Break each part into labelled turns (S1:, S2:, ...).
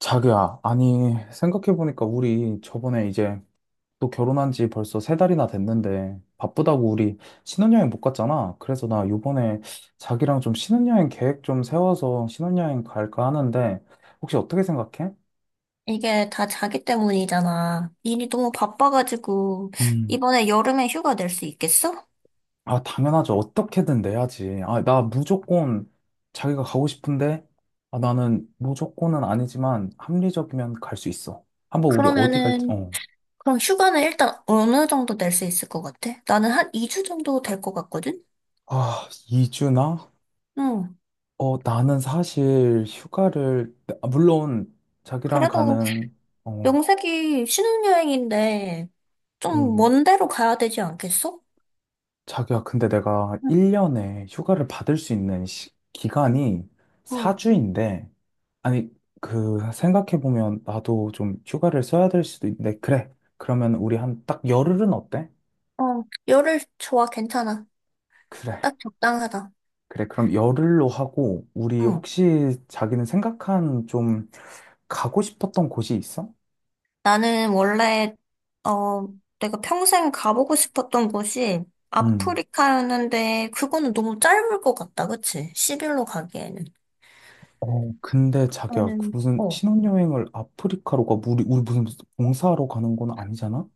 S1: 자기야, 아니, 생각해보니까 우리 저번에 이제 또 결혼한 지 벌써 세 달이나 됐는데 바쁘다고 우리 신혼여행 못 갔잖아. 그래서 나 요번에 자기랑 좀 신혼여행 계획 좀 세워서 신혼여행 갈까 하는데 혹시 어떻게 생각해?
S2: 이게 다 자기 때문이잖아. 일이 너무 바빠가지고,
S1: 음,
S2: 이번에 여름에 휴가 낼 수 있겠어?
S1: 아, 당연하죠. 어떻게든 내야지. 아, 나 무조건 자기가 가고 싶은데 아, 나는 무조건은 아니지만 합리적이면 갈 수 있어. 한번 우리 어디 갈지,
S2: 그러면은,
S1: 어.
S2: 그럼 휴가는 일단 어느 정도 낼 수 있을 것 같아? 나는 한 2주 정도 될 것 같거든?
S1: 아, 2주나?
S2: 응.
S1: 어, 나는 사실 휴가를, 아, 물론 자기랑
S2: 그래도
S1: 가는, 어,
S2: 명색이 신혼여행인데, 좀
S1: 음,
S2: 먼 데로 가야 되지 않겠어?
S1: 자기야, 근데 내가
S2: 응.
S1: 1년에 휴가를 받을 수 있는 기간이
S2: 응.
S1: 4주인데, 아니, 그, 생각해보면 나도 좀 휴가를 써야 될 수도 있는데, 그래. 그러면 우리 한 딱 열흘은 어때?
S2: 어, 열흘 좋아, 괜찮아.
S1: 그래.
S2: 딱 적당하다.
S1: 그래. 그럼 열흘로 하고, 우리
S2: 응.
S1: 혹시 자기는 생각한 좀 가고 싶었던 곳이 있어?
S2: 나는 원래, 어, 내가 평생 가보고 싶었던 곳이
S1: 음.
S2: 아프리카였는데, 그거는 너무 짧을 것 같다, 그치? 10일로 가기에는.
S1: 어, 근데 자기야, 그
S2: 나는,
S1: 무슨
S2: 어.
S1: 신혼여행을 아프리카로 가, 우리 무슨 봉사하러 가는 건 아니잖아?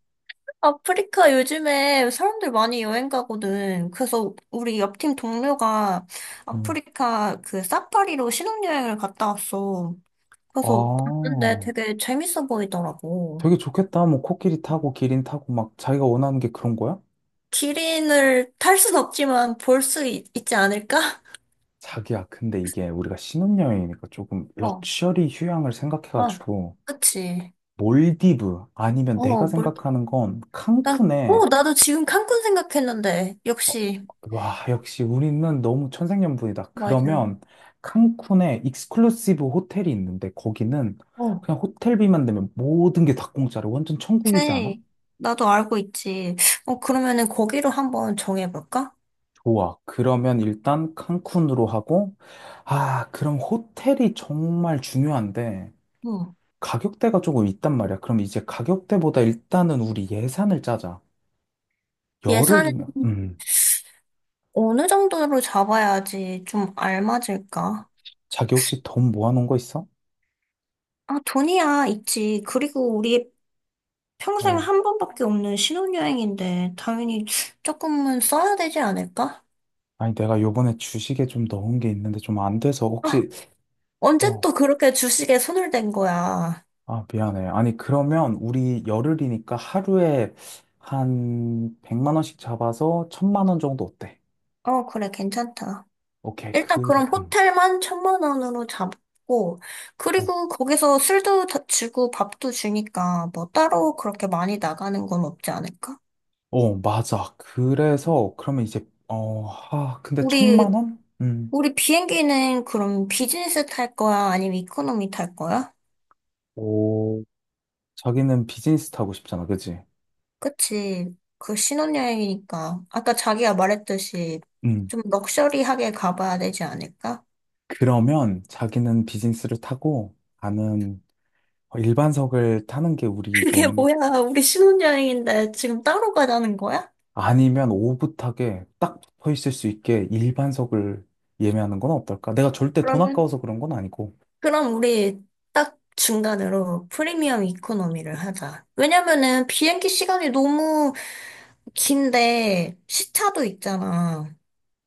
S2: 아프리카 요즘에 사람들 많이 여행 가거든. 그래서 우리 옆 팀 동료가
S1: 음.
S2: 아프리카 그 사파리로 신혼여행을 갔다 왔어. 그래서
S1: 아,
S2: 봤는데 되게 재밌어 보이더라고.
S1: 되게 좋겠다. 뭐, 코끼리 타고, 기린 타고, 막, 자기가 원하는 게 그런 거야?
S2: 기린을 탈 순 없지만 볼 수 있지 않을까?
S1: 자기야, 근데 이게 우리가 신혼여행이니까 조금
S2: 어,
S1: 럭셔리 휴양을
S2: 아,
S1: 생각해가지고,
S2: 그치.
S1: 몰디브, 아니면 내가
S2: 어, 뭘,
S1: 생각하는 건
S2: 난,
S1: 칸쿤에.
S2: 어, 나도 지금 칸쿤 생각했는데.
S1: 어,
S2: 역시,
S1: 와, 역시 우리는 너무 천생연분이다.
S2: 맞아.
S1: 그러면 칸쿤에 익스클루시브 호텔이 있는데 거기는
S2: 어,
S1: 그냥 호텔비만 내면 모든 게 다 공짜로 완전 천국이지 않아?
S2: 그래. 나도 알고 있지. 어, 그러면은 거기로 한번 정해볼까?
S1: 좋아. 그러면 일단 칸쿤으로 하고. 아, 그럼 호텔이 정말 중요한데
S2: 응.
S1: 가격대가 조금 있단 말이야. 그럼 이제 가격대보다 일단은 우리 예산을 짜자.
S2: 예산
S1: 열흘이면
S2: 어느 정도로 잡아야지 좀 알맞을까?
S1: 자기 혹시 돈 모아놓은 거 있어?
S2: 아, 돈이야, 있지. 그리고 우리 평생
S1: 어.
S2: 한 번밖에 없는 신혼여행인데, 당연히 조금은 써야 되지 않을까?
S1: 아니, 내가 요번에 주식에 좀 넣은 게 있는데 좀 안 돼서 혹시.
S2: 언제
S1: 어,
S2: 또 그렇게 주식에 손을 댄 거야?
S1: 아, 미안해. 아니, 그러면 우리 열흘이니까 하루에 한 100만 원씩 잡아서 1,000만 원 정도 어때?
S2: 어, 그래, 괜찮다.
S1: 오케이,
S2: 일단
S1: 그럼.
S2: 그럼 호텔만 천만 원으로 잡고,
S1: 어,
S2: 그리고 거기서 술도 다 주고 밥도 주니까 뭐 따로 그렇게 많이 나가는 건 없지 않을까?
S1: 어, 맞아. 그래서 그러면 이제 어, 아, 근데 천
S2: 우리,
S1: 만 원?
S2: 우리 비행기는 그럼 비즈니스 탈 거야? 아니면 이코노미 탈 거야?
S1: 오, 자기는 비즈니스 타고 싶잖아. 그지?
S2: 그치. 그 신혼여행이니까. 아까 자기가 말했듯이
S1: 음.
S2: 좀 럭셔리하게 가봐야 되지 않을까?
S1: 그러면 자기는 비즈니스를 타고 나는 어, 일반석을 타는 게 우리
S2: 그게
S1: 좀.
S2: 뭐야. 우리 신혼여행인데 지금 따로 가자는 거야?
S1: 아니면 오붓하게 딱 붙어 있을 수 있게 일반석을 예매하는 건 어떨까? 내가 절대 돈
S2: 그러면
S1: 아까워서 그런 건 아니고.
S2: 그럼 우리 딱 중간으로 프리미엄 이코노미를 하자. 왜냐면은 비행기 시간이 너무 긴데 시차도 있잖아.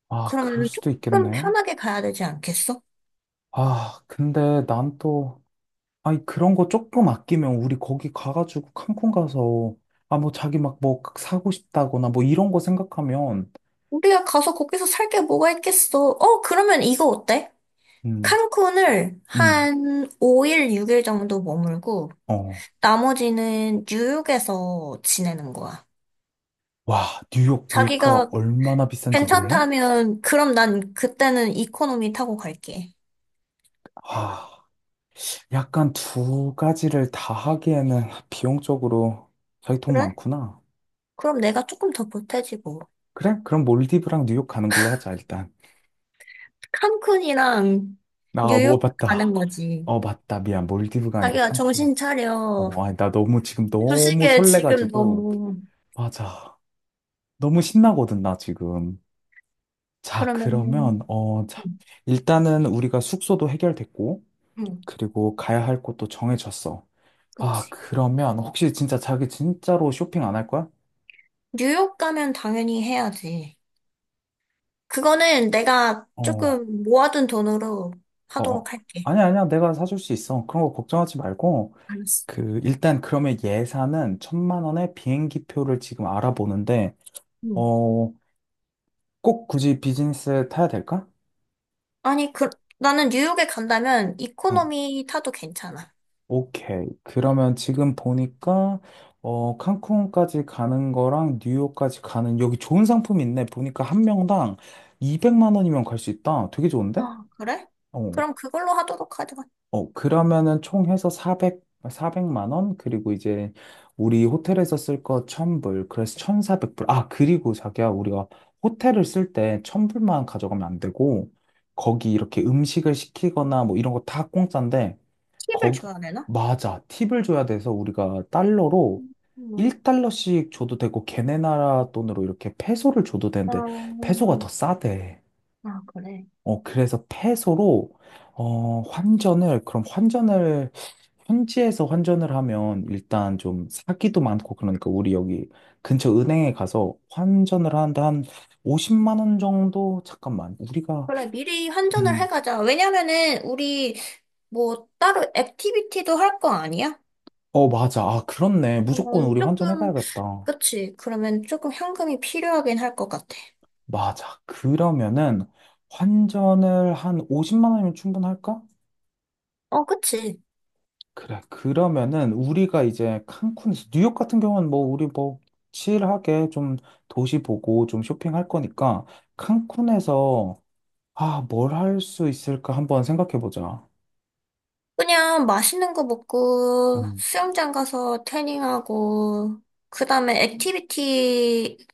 S1: 아, 그럴
S2: 그러면은
S1: 수도
S2: 조금
S1: 있겠네.
S2: 편하게 가야 되지 않겠어?
S1: 아, 근데 난 또, 아니, 그런 거 조금 아끼면 우리 거기 가가지고 칸쿤 가서, 아, 뭐 자기 막뭐 그 사고 싶다거나 뭐 이런 거 생각하면,
S2: 우리가 가서 거기서 살게 뭐가 있겠어? 어, 그러면 이거 어때?
S1: 음,
S2: 칸쿤을
S1: 음,
S2: 한 5일, 6일 정도 머물고
S1: 어.
S2: 나머지는 뉴욕에서 지내는 거야.
S1: 와, 뉴욕 물가
S2: 자기가
S1: 얼마나 비싼지 몰라?
S2: 괜찮다면 그럼 난 그때는 이코노미 타고 갈게.
S1: 아, 약간 두 가지를 다 하기에는 비용적으로 자기 돈
S2: 그래?
S1: 많구나.
S2: 그럼 내가 조금 더 보태지고.
S1: 그래? 그럼 몰디브랑 뉴욕 가는 걸로 하자, 일단.
S2: 칸쿤이랑
S1: 아, 뭐,
S2: 뉴욕
S1: 맞다.
S2: 가는 거지.
S1: 어, 맞다. 미안. 몰디브가 아니라
S2: 자기야, 정신
S1: 칸쿤이었지.
S2: 차려.
S1: 어, 아니, 나 너무 지금 너무
S2: 주식에 지금
S1: 설레가지고.
S2: 너무,
S1: 맞아. 너무 신나거든, 나 지금. 자, 그러면,
S2: 그러면은,
S1: 어, 자.
S2: 응,
S1: 일단은 우리가 숙소도 해결됐고,
S2: 응,
S1: 그리고 가야 할 곳도 정해졌어. 아,
S2: 그치.
S1: 그러면 혹시 진짜 자기 진짜로 쇼핑 안 할 거야?
S2: 뉴욕 가면 당연히 해야지. 그거는 내가
S1: 어,
S2: 조금 모아둔 돈으로
S1: 어. 어.
S2: 하도록 할게.
S1: 아니야, 아니야. 내가 사줄 수 있어. 그런 거 걱정하지 말고.
S2: 알았어.
S1: 그, 일단 그러면 예산은 천만 원에 비행기 표를 지금 알아보는데,
S2: 응.
S1: 어, 꼭 굳이 비즈니스 타야 될까?
S2: 아니, 그, 나는 뉴욕에 간다면
S1: 어,
S2: 이코노미 타도 괜찮아.
S1: 오케이. 그러면 지금 보니까, 어, 칸쿤까지 가는 거랑 뉴욕까지 가는, 여기 좋은 상품 있네. 보니까 한 명당 200만 원이면 갈 수 있다. 되게 좋은데?
S2: 아, 그래?
S1: 어.
S2: 그럼 그걸로 하도록 하자.
S1: 어, 그러면은 총 해서 400, 100만 원? 그리고 이제 우리 호텔에서 쓸 거 1000불. 그래서 1400불. 아, 그리고 자기야, 우리가 호텔을 쓸 때 1000불만 가져가면 안 되고, 거기 이렇게 음식을 시키거나 뭐 이런 거 다 공짜인데,
S2: 팁을
S1: 거기,
S2: 줘야 되나?
S1: 맞아. 팁을 줘야 돼서 우리가 달러로
S2: 음.
S1: 1달러씩 줘도 되고, 걔네 나라 돈으로 이렇게 페소를 줘도 되는데, 페소가
S2: 어,
S1: 더 싸대.
S2: 아, 그래.
S1: 어, 그래서 peso로, 어, 환전을, 그럼 환전을, 현지에서 환전을 하면 일단 좀 사기도 많고, 그러니까 우리 여기 근처 은행에 가서 환전을 하는데 한 50만 원 정도? 잠깐만, 우리가,
S2: 그래, 미리 환전을
S1: 음,
S2: 해가자. 왜냐면은, 우리, 뭐, 따로 액티비티도 할 거 아니야?
S1: 어, 맞아. 아, 그렇네. 무조건
S2: 그러면
S1: 우리
S2: 조금,
S1: 환전해가야겠다.
S2: 그치. 그러면 조금 현금이 필요하긴 할 것 같아.
S1: 맞아. 그러면은 환전을 한 50만 원이면 충분할까?
S2: 어, 그치.
S1: 그래. 그러면은 우리가 이제 칸쿤에서 뉴욕 같은 경우는 뭐 우리 뭐 칠하게 좀 도시 보고 좀 쇼핑할 거니까 칸쿤에서 아, 뭘 할 수 있을까 한번 생각해 보자.
S2: 그냥 맛있는 거 먹고,
S1: 음.
S2: 수영장 가서 태닝하고, 그 다음에 액티비티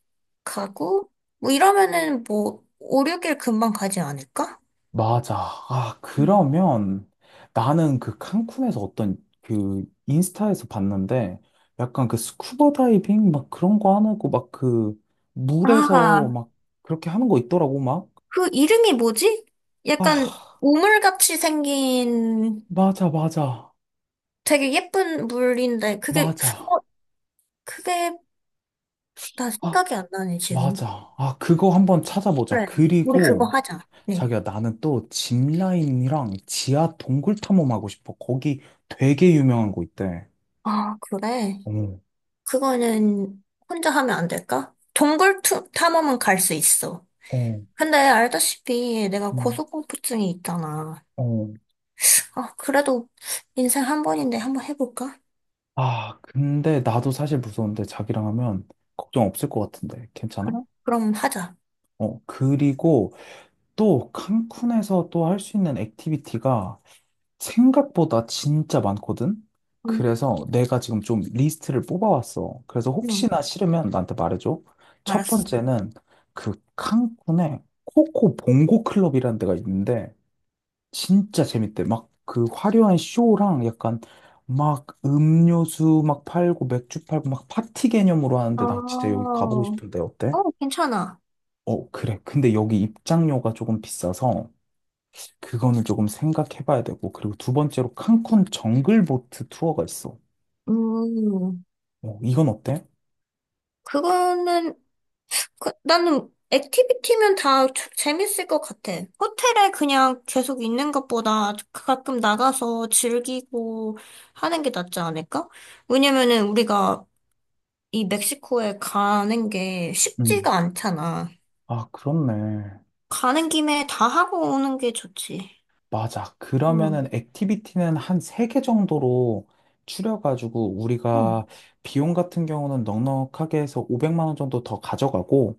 S2: 가고, 뭐 이러면은 뭐, 5, 6일 금방 가지 않을까?
S1: 맞아. 아,
S2: 음.
S1: 그러면 나는 그 칸쿤에서 어떤 그 인스타에서 봤는데 약간 그 스쿠버 다이빙 막 그런 거 하고 막 그 물에서
S2: 아,
S1: 막 그렇게 하는 거 있더라고 막.
S2: 그 이름이 뭐지? 약간
S1: 아,
S2: 오물같이 생긴
S1: 맞아, 맞아.
S2: 되게 예쁜 물인데 그게 어
S1: 맞아.
S2: 그게 나
S1: 아,
S2: 생각이 안 나네 지금.
S1: 맞아. 아, 그거 한번 찾아보자.
S2: 그래. 우리 그거
S1: 그리고
S2: 하자. 네.
S1: 자기야, 나는 또 짚라인이랑 지하 동굴 탐험하고 싶어. 거기 되게 유명한 거 있대.
S2: 아, 그래.
S1: 어,
S2: 그거는 혼자 하면 안 될까? 동굴 탐험은 갈 수 있어.
S1: 어,
S2: 근데 알다시피 내가
S1: 음,
S2: 고소공포증이 있잖아.
S1: 어.
S2: 아, 그래도 인생 한 번인데 한번 해볼까?
S1: 아, 근데 나도 사실 무서운데 자기랑 하면 걱정 없을 것 같은데. 괜찮아?
S2: 그래? 그럼 하자.
S1: 어, 그리고 또 칸쿤에서 또 할 수 있는 액티비티가 생각보다 진짜 많거든?
S2: 응,
S1: 그래서 내가 지금 좀 리스트를 뽑아왔어. 그래서
S2: 응,
S1: 혹시나 싫으면 나한테 말해줘. 첫
S2: 알았어.
S1: 번째는 그 칸쿤에 코코 봉고 클럽이라는 데가 있는데 진짜 재밌대. 막 그 화려한 쇼랑 약간 막 음료수 막 팔고 맥주 팔고 막 파티 개념으로
S2: 아,
S1: 하는데 나 진짜 여기 가보고 싶은데 어때?
S2: 어, 괜찮아.
S1: 어, 그래. 근데 여기 입장료가 조금 비싸서 그거는 조금 생각해봐야 되고, 그리고 두 번째로 칸쿤 정글보트 투어가 있어.
S2: 음,
S1: 어, 이건 어때?
S2: 그거는, 그, 나는 액티비티면 다 재밌을 것 같아. 호텔에 그냥 계속 있는 것보다 그 가끔 나가서 즐기고 하는 게 낫지 않을까? 왜냐면은 우리가 이 멕시코에 가는 게
S1: 음.
S2: 쉽지가 않잖아.
S1: 아, 그렇네.
S2: 가는 김에 다 하고 오는 게 좋지.
S1: 맞아. 그러면은
S2: 응,
S1: 액티비티는 한 세 개 정도로 추려가지고
S2: 응.
S1: 우리가 비용 같은 경우는 넉넉하게 해서 500만 원 정도 더 가져가고,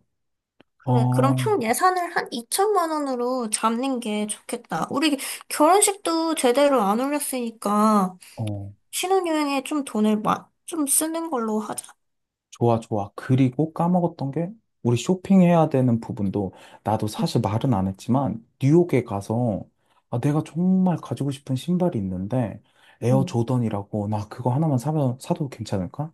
S2: 그래, 그럼
S1: 어,
S2: 총 예산을 한 2천만 원으로 잡는 게 좋겠다. 우리 결혼식도 제대로 안 올렸으니까.
S1: 어,
S2: 신혼여행에 좀 돈을 좀 쓰는 걸로 하자.
S1: 좋아, 좋아. 그리고 까먹었던 게 우리 쇼핑해야 되는 부분도 나도
S2: 응,
S1: 사실 말은 안 했지만 뉴욕에 가서 아, 내가 정말 가지고 싶은 신발이 있는데 에어
S2: 응.
S1: 조던이라고 나 그거 하나만 사면 사도 괜찮을까?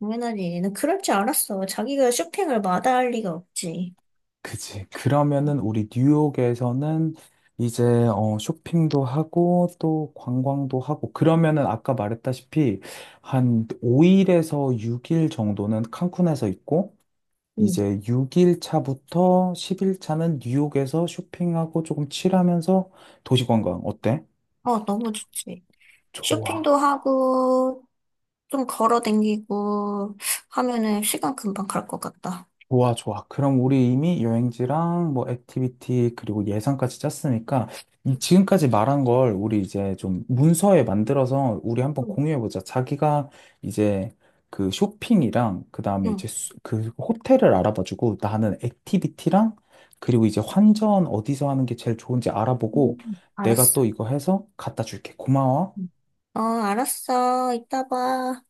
S2: 당연하지. 난 그럴 줄 알았어. 자기가 쇼핑을 마다할 리가 없지.
S1: 그치. 그러면은 우리 뉴욕에서는 이제 어, 쇼핑도 하고 또 관광도 하고 그러면은 아까 말했다시피 한 5일에서 6일 정도는 칸쿤에서 있고
S2: 응,
S1: 이제 6일 차부터 10일 차는 뉴욕에서 쇼핑하고 조금 칠하면서 도시 관광 어때?
S2: 어, 너무 좋지.
S1: 좋아.
S2: 쇼핑도 하고, 좀 걸어 댕기고 하면은 시간 금방 갈 것 같다.
S1: 좋아, 좋아. 그럼 우리 이미 여행지랑 뭐 액티비티 그리고 예산까지 짰으니까
S2: 응,
S1: 이 지금까지 말한 걸 우리 이제 좀 문서에 만들어서 우리 한번
S2: 응.
S1: 공유해보자. 자기가 이제 그 쇼핑이랑 그다음에
S2: 응,
S1: 이제 그 호텔을 알아봐주고 나는 액티비티랑 그리고 이제 환전 어디서 하는 게 제일 좋은지
S2: 응.
S1: 알아보고 내가
S2: 알았어.
S1: 또 이거 해서 갖다 줄게. 고마워.
S2: 응. 어, 알았어. 이따 봐.